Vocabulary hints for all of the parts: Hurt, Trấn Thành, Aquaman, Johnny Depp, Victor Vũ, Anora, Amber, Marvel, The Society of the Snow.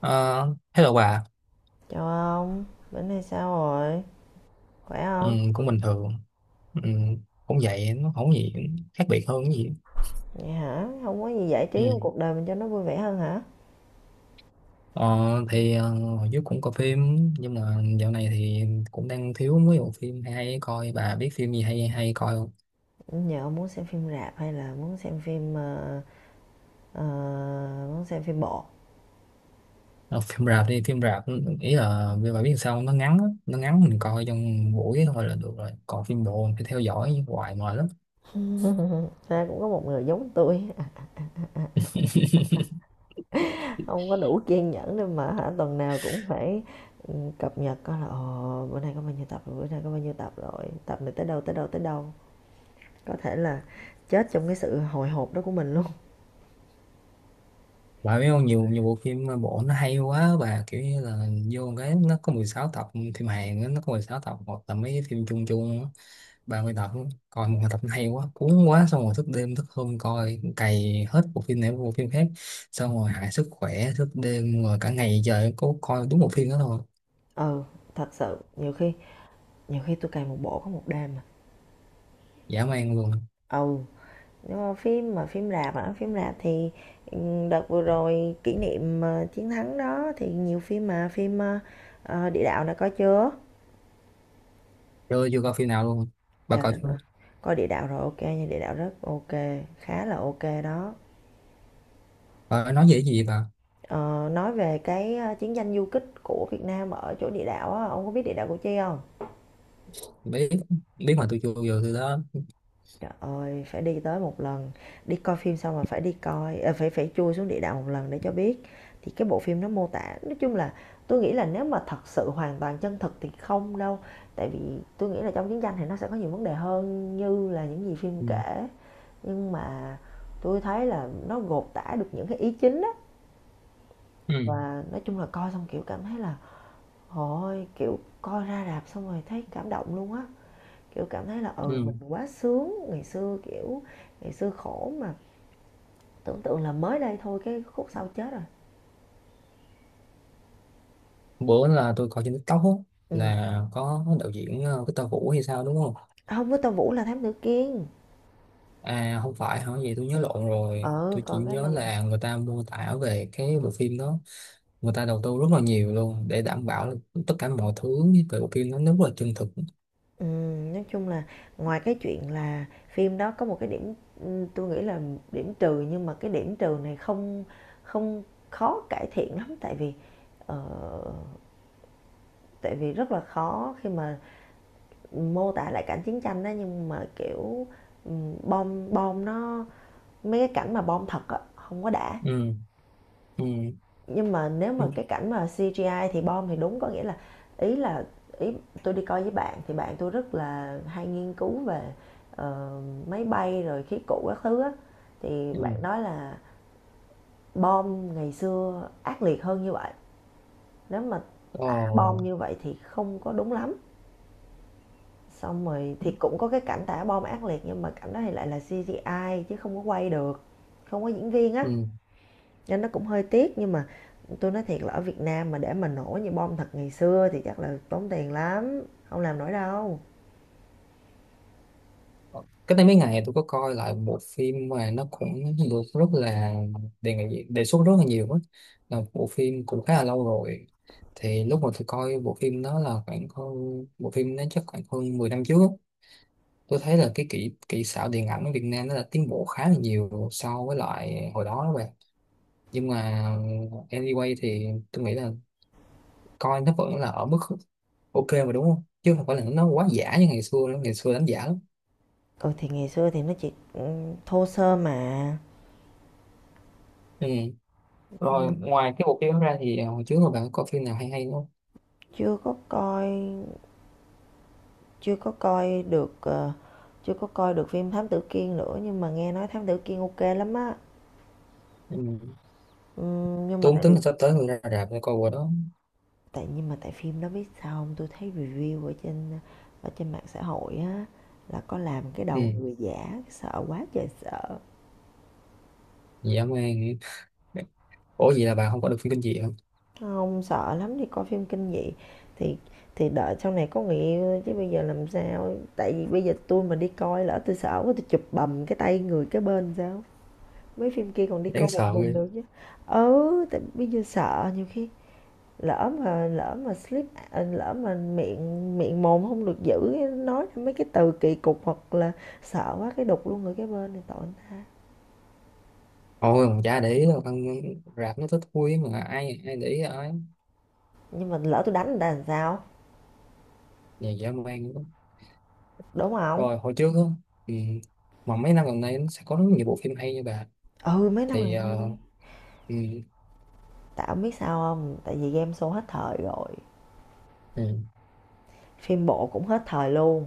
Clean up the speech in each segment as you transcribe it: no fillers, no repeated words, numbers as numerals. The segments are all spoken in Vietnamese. Ờ, Hello bà. Chào ông, bữa nay sao rồi? Khỏe Ừ, không? cũng bình thường. Ừ, cũng vậy, nó không có gì khác biệt hơn cái gì. Vậy hả? Không có gì giải Ừ. trí trong cuộc đời mình cho nó vui vẻ hơn hả? ờ, thì hồi trước cũng coi phim, nhưng mà dạo này thì cũng đang thiếu mấy bộ phim hay hay coi. Bà biết phim gì hay hay coi không? Nhờ ông muốn xem phim rạp hay là muốn xem phim ờ, muốn xem phim bộ? Ờ, Phim rạp, đi phim rạp. Ý là vì bà biết sao không? Nó ngắn á, nó ngắn, mình coi trong buổi thôi là được rồi, còn phim bộ mình phải theo dõi hoài mệt lắm. Ra cũng có một người giống tôi, không có đủ kiên nhẫn để mà hả tuần nào cũng phải cập nhật coi là ồ bữa nay có bao nhiêu tập rồi, bữa nay có bao nhiêu tập rồi, tập này tới đâu tới đâu tới đâu. Có thể là chết trong cái sự hồi hộp đó của mình luôn. Bà biết không, nhiều nhiều bộ phim bộ nó hay quá, bà kiểu như là vô cái nó có 16 tập, phim Hàn á, nó có 16 tập, hoặc là mấy cái phim chung chung á, 30 tập á. Coi một tập nó hay quá, cuốn quá, xong rồi thức đêm thức hôm coi, cày hết bộ phim này đến bộ phim khác, xong rồi hại sức khỏe, thức đêm rồi cả ngày trời có coi đúng một phim đó thôi. Ừ, thật sự nhiều khi tôi cày một bộ có một đêm mà. Dã man luôn. Ừ. Phim rạp hả? Phim rạp thì ừ, đợt vừa rồi kỷ niệm chiến thắng đó thì nhiều phim mà phim Địa Đạo đã có chưa? Chưa chưa coi phim nào luôn, bà Trời coi đất ơi. chưa? Coi Địa Đạo rồi, ok nha, Địa Đạo rất ok, khá là ok đó. Bà nói về cái gì vậy bà? Ờ, nói về cái chiến tranh du kích của Việt Nam ở chỗ địa đạo á, ông có biết địa đạo Củ Chi không? Biết biết mà tôi chưa bao giờ từ đó. Trời ơi, phải đi tới một lần, đi coi phim xong là phải đi coi ờ, phải phải chui xuống địa đạo một lần để cho biết. Thì cái bộ phim nó mô tả, nói chung là tôi nghĩ là nếu mà thật sự hoàn toàn chân thực thì không đâu. Tại vì tôi nghĩ là trong chiến tranh thì nó sẽ có nhiều vấn đề hơn như là những gì phim Ừ. kể. Nhưng mà tôi thấy là nó gột tả được những cái ý chính á, Ừ. và nói chung là coi xong kiểu cảm thấy là ôi, kiểu coi ra rạp xong rồi thấy cảm động luôn á, kiểu cảm thấy là ừ, Ừ. mình quá sướng ngày xưa, kiểu ngày xưa khổ mà tưởng tượng là mới đây thôi, cái khúc sau chết rồi. Bữa là tôi coi trên TikTok á, Ừ. là có đạo diễn Victor Vũ hay sao, đúng không? Không, với Tô Vũ là Thám Tử Kiên. À, không phải hả? Vậy tôi nhớ lộn rồi. Ừ, Tôi chỉ còn cái nhớ này. là người ta mô tả về cái bộ phim đó, người ta đầu tư rất là nhiều luôn để đảm bảo là tất cả mọi thứ về bộ phim nó rất là chân thực. Ừ, nói chung là ngoài cái chuyện là phim đó có một cái điểm, ừ, tôi nghĩ là điểm trừ, nhưng mà cái điểm trừ này không không khó cải thiện lắm, tại vì ờ, tại vì rất là khó khi mà mô tả lại cảnh chiến tranh đó, nhưng mà kiểu ừ, bom bom nó, mấy cái cảnh mà bom thật á không có đã. Ừ. Ừ. Nhưng mà nếu Ừ. mà cái cảnh mà CGI thì bom thì đúng, có nghĩa là, ý là ý tôi đi coi với bạn thì bạn tôi rất là hay nghiên cứu về ờ, máy bay rồi khí cụ các thứ á, thì Ừ. bạn nói là bom ngày xưa ác liệt hơn như vậy, nếu mà tả bom Ờ. như vậy thì không có đúng lắm. Xong rồi thì cũng có cái cảnh tả bom ác liệt, nhưng mà cảnh đó thì lại là CGI chứ không có quay được, không có diễn viên á, Ừ. nên nó cũng hơi tiếc. Nhưng mà tôi nói thiệt là ở Việt Nam mà để mà nổ như bom thật ngày xưa thì chắc là tốn tiền lắm, không làm nổi đâu. Cách đây mấy ngày tôi có coi lại một phim mà nó cũng được rất là đề nghị, đề xuất rất là nhiều á, là một bộ phim cũng khá là lâu rồi, thì lúc mà tôi coi bộ phim đó là khoảng hơn, bộ phim nó chắc khoảng hơn 10 năm trước á. Tôi thấy là cái kỹ kỹ xảo điện ảnh ở Việt Nam nó đã tiến bộ khá là nhiều so với lại hồi đó đó bạn. Nhưng mà anyway thì tôi nghĩ là coi nó vẫn là ở mức ok mà, đúng không, chứ không phải là nó quá giả như ngày xưa nữa, ngày xưa đánh giả lắm. Ừ thì ngày xưa thì nó chỉ thô sơ mà. Ừ. Rồi ngoài cái bộ phim đó ra thì hồi trước rồi bạn có phim nào hay hay không? Chưa có coi chưa có coi được ờ, Chưa có coi được phim Thám Tử Kiên nữa, nhưng mà nghe nói Thám Tử Kiên ok lắm á. Ừ. Ừm, nhưng mà Tôi cũng tại tính vì là sắp tới người ra rạp để coi bộ đó. nhưng mà tại phim đó biết sao không, tôi thấy review ở trên mạng xã hội á, là có làm cái Ừ. đầu người giả sợ quá trời sợ. Dã man. Ủa vậy là bạn không có được phim kinh dị hả? Hông, sợ lắm, đi coi phim kinh dị thì đợi sau này có người yêu chứ bây giờ làm sao. Tại vì bây giờ tôi mà đi coi, lỡ tôi sợ quá, tui chụp bầm cái tay người cái bên sao? Mấy phim kia còn đi coi Đáng một sợ mình ghê. được chứ. Ừ, tại bây giờ sợ nhiều khi lỡ mà slip, à, lỡ mà miệng miệng mồm không được giữ, nói mấy cái từ kỳ cục hoặc là sợ quá cái đục luôn người cái bên thì tội người ta. Ôi mà chả để ý đâu con, rạp nó thích thúi mà, ai ai để ý ai. Nhưng mà lỡ tôi đánh người ta làm sao, Nhà dã man lắm. đúng không? Rồi hồi trước á. Ừ. Mà mấy năm gần đây nó sẽ có rất nhiều bộ phim hay như bà. Ừ, mấy năm Thì gần đây đi. ừ. Tại ông biết sao không, tại vì game show hết thời rồi, Ừ. phim bộ cũng hết thời luôn,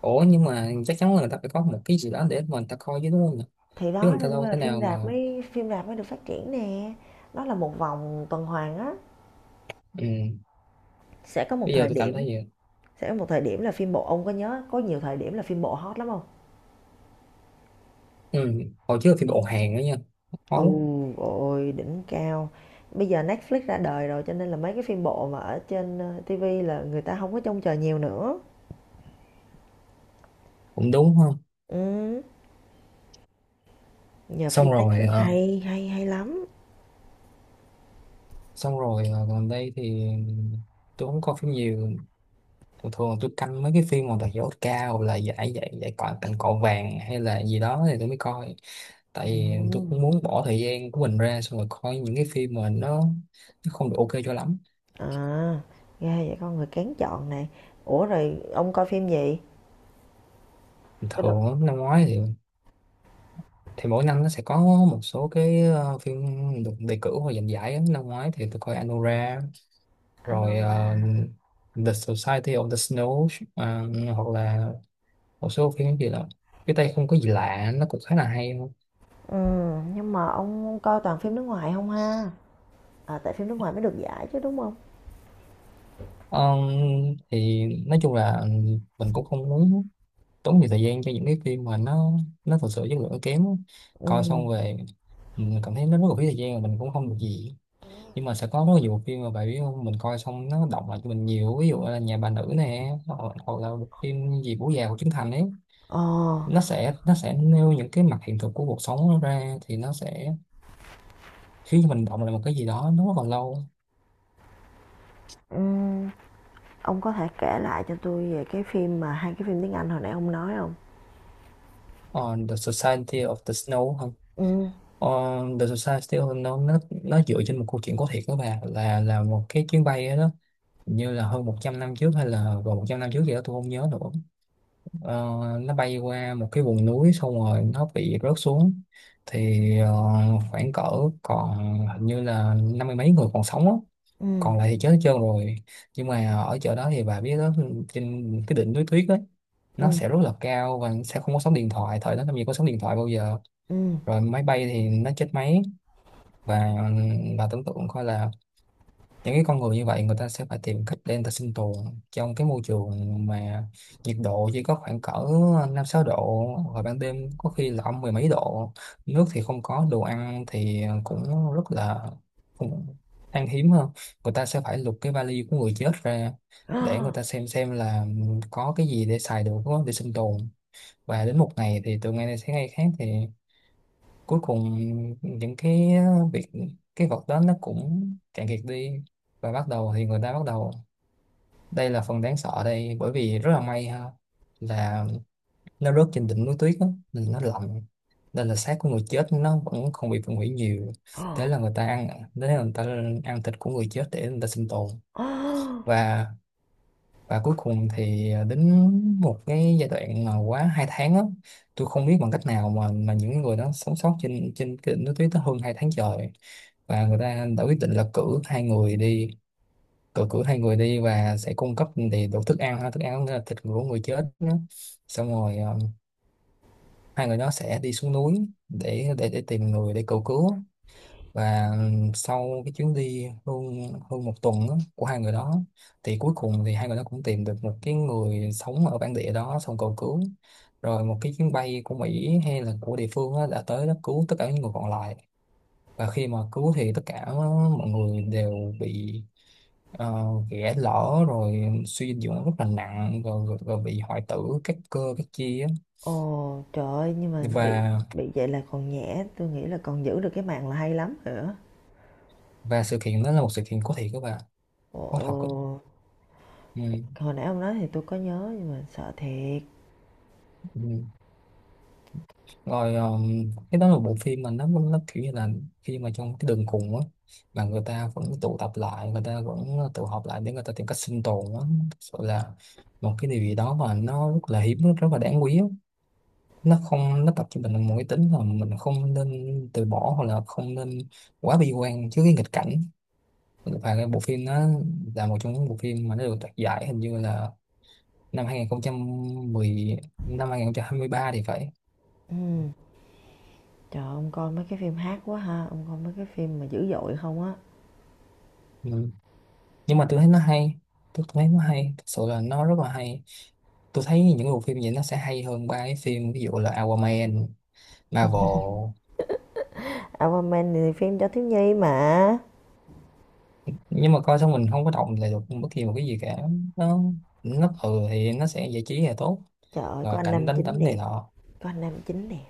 Ủa nhưng mà chắc chắn là người ta phải có một cái gì đó để mà người ta coi chứ, đúng không nhỉ? thì Chứ đó người cho ta nên đâu là thế nào mà. Phim rạp mới được phát triển nè. Nó là một vòng tuần hoàn á. Ừ. sẽ có một Bây giờ thời tôi cảm thấy điểm vậy. sẽ có một thời điểm là phim bộ, ông có nhớ có nhiều thời điểm là phim bộ hot lắm không? Ừ, hồi trước thì bộ hàng đó nha, máu. Ôi ôi, đỉnh cao. Bây giờ Netflix ra đời rồi cho nên là mấy cái phim bộ mà ở trên TV là người ta không có trông chờ nhiều nữa. Cũng đúng không. Ừ. Nhờ phim xong rồi Netflix ờ, hay hay hay lắm. Gần đây thì tôi không coi phim nhiều, thường thường tôi canh mấy cái phim mà đạt giải Oscar, hoặc là giải giải giải cọ, tặng cọ vàng hay là gì đó thì tôi mới coi, tại Ừ. vì tôi cũng muốn bỏ thời gian của mình ra xong rồi coi những cái phim mà nó. Nó không được ok cho lắm. À, ghê vậy con người kén chọn nè. Ủa rồi ông coi phim gì? Tôi Thường được á, năm ngoái thì mỗi năm nó sẽ có một số cái phim được đề cử hoặc giành giải á. Năm ngoái thì tôi coi Anora, anh rồi Hưng. The Society of the Snow, ờ, hoặc là một số phim gì đó, cái tay không có gì lạ nó cũng khá là hay luôn. Ừ, nhưng mà ông coi toàn phim nước ngoài không ha? À, tại phim nước ngoài mới được giải chứ đúng không? Ờ, thì nói chung là mình cũng không muốn tốn nhiều thời gian cho những cái phim mà nó thật sự chất lượng kém, coi Ừ. xong về mình cảm thấy nó rất là phí thời gian và mình cũng không được gì. Nhưng mà sẽ có rất nhiều bộ phim mà bạn biết không, mình coi xong nó động lại cho mình nhiều, ví dụ là Nhà Bà Nữ nè, hoặc là bộ phim gì, Bố Già của Trấn Thành ấy, Ờ, nó sẽ nêu những cái mặt hiện thực của cuộc sống nó ra thì nó sẽ khiến mình động lại một cái gì đó nó rất là lâu. ừm, ông có thể kể lại cho tôi về cái phim mà hai cái phim tiếng Anh hồi nãy ông nói không? On the Society of the Snow không? Ừ, On the Society of the Snow nó dựa trên một câu chuyện có thiệt đó bà, là một cái chuyến bay đó. Hình như là hơn 100 năm trước hay là gần 100 năm trước gì đó tôi không nhớ nữa. Ờ, nó bay qua một cái vùng núi xong rồi nó bị rớt xuống. Thì khoảng cỡ, còn hình như là năm mươi mấy người còn sống á, ừ, còn lại thì chết hết trơn rồi. Nhưng mà ở chỗ đó thì bà biết đó, trên cái đỉnh núi tuyết ấy, nó ừ, sẽ rất là cao và sẽ không có sóng điện thoại, thời đó làm gì có sóng điện thoại bao giờ. ừ. Rồi máy bay thì nó chết máy, và bà tưởng tượng coi là những cái con người như vậy, người ta sẽ phải tìm cách để người ta sinh tồn trong cái môi trường mà nhiệt độ chỉ có khoảng cỡ năm sáu độ, và ban đêm có khi là âm mười mấy độ, nước thì không có, đồ ăn thì cũng rất là cũng khan hiếm hơn. Người ta sẽ phải lục cái vali của người chết ra để người ta xem là có cái gì để xài được, để sinh tồn. Và đến một ngày thì từ ngày này sang ngày khác thì cuối cùng những cái việc, cái vật đó nó cũng cạn kiệt đi, và bắt đầu thì người ta bắt đầu. Đây là phần đáng sợ đây, bởi vì rất là may ha, là nó rớt trên đỉnh núi tuyết á, nên nó lạnh, nên là xác của người chết nó vẫn không bị phân hủy nhiều. thế là người ta ăn Thế là người ta ăn thịt của người chết để người ta sinh tồn. Và và cuối cùng thì đến một cái giai đoạn mà quá 2 tháng á, tôi không biết bằng cách nào mà những người đó sống sót trên trên cái đỉnh núi tuyết đó hơn 2 tháng trời. Và người ta đã quyết định là cử hai người đi, cử cử hai người đi và sẽ cung cấp thì đủ thức ăn ha, thức ăn là thịt của người chết đó. Xong rồi hai người đó sẽ đi xuống núi để tìm người để cầu cứu. Và sau cái chuyến đi hơn hơn 1 tuần á, của hai người đó, thì cuối cùng thì hai người đó cũng tìm được một cái người sống ở bản địa đó, xong cầu cứu. Rồi một cái chuyến bay của Mỹ hay là của địa phương á, đã tới đó cứu tất cả những người còn lại. Và khi mà cứu thì tất cả mọi người đều bị ghẻ lở, rồi suy dinh dưỡng rất là nặng rồi, rồi, rồi bị hoại tử các cơ các chi á. Ồ, trời ơi, nhưng mà bị và bị vậy là còn nhẹ, tôi nghĩ là còn giữ được cái mạng là hay lắm rồi á. và sự kiện đó là một sự kiện có thiệt các bạn, Ồ. có thật á. Ừ. Hồi nãy ông nói thì tôi có nhớ nhưng mà sợ thiệt. Ừ. Rồi cái đó là bộ phim mà nó kiểu như là khi mà trong cái đường cùng á mà người ta vẫn tụ tập lại, người ta vẫn tụ họp lại để người ta tìm cách sinh tồn á, thực sự là một cái điều gì đó mà nó rất là hiếm, rất là đáng quý á. Nó không, nó tập cho mình một cái tính là mình không nên từ bỏ hoặc là không nên quá bi quan trước cái nghịch cảnh. Và cái bộ phim nó là một trong những bộ phim mà nó được đoạt giải hình như là năm 2010, năm 2023 thì phải. ừm Trời ơi, ông coi mấy cái phim hát quá ha, ông coi mấy cái phim mà dữ dội không á. Ừ. Nhưng mà tôi thấy nó hay, tôi thấy nó hay, thật sự là nó rất là hay. Tôi thấy những bộ phim vậy nó sẽ hay hơn ba cái phim, ví dụ là Aquaman, Marvel, Aquaman thì phim cho thiếu nhi mà. nhưng mà coi xong mình không có động lại được bất kỳ một cái gì cả. Nó nó thì nó sẽ giải trí là tốt, Trời ơi, và có anh cảnh nam đánh chính đấm này đẹp. nọ. Có anh nam chính đẹp.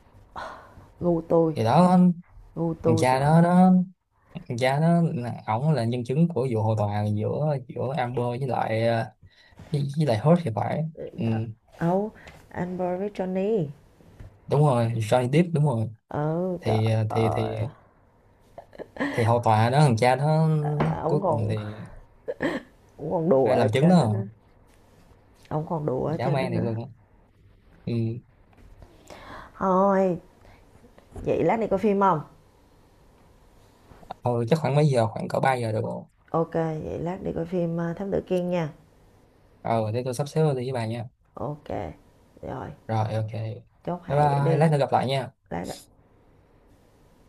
Gu tôi, Thì đó, thằng gu tôi. cha Trời đó nó thằng cha đó, ổng là nhân chứng của vụ hồ tòa giữa giữa Amber với lại với lại Hurt thì phải. ơi. Ừ, Ấu, anh Boris Johnny. đúng rồi, Johnny Depp, đúng rồi. Ừ, trời Thì ơi. thì hầu tòa đó, thằng cha đó, À, ông cuối cùng còn thì đùa đây ở làm chứng đó trên đó à. nữa. Ông còn đùa ở Dã trên đó man thiệt nữa. luôn á. Ừ. Thôi, vậy lát đi coi phim không? Thôi chắc khoảng mấy giờ, khoảng cỡ 3 giờ được rồi. Ok, vậy lát đi coi phim Thám Tử Kiên nha. Ờ Thế tôi sắp xếp đi với bà nha. Ok. Rồi. Rồi, ok, bye. Chốt hạ vậy Bye, đi. lát nữa gặp lại nha. Lát.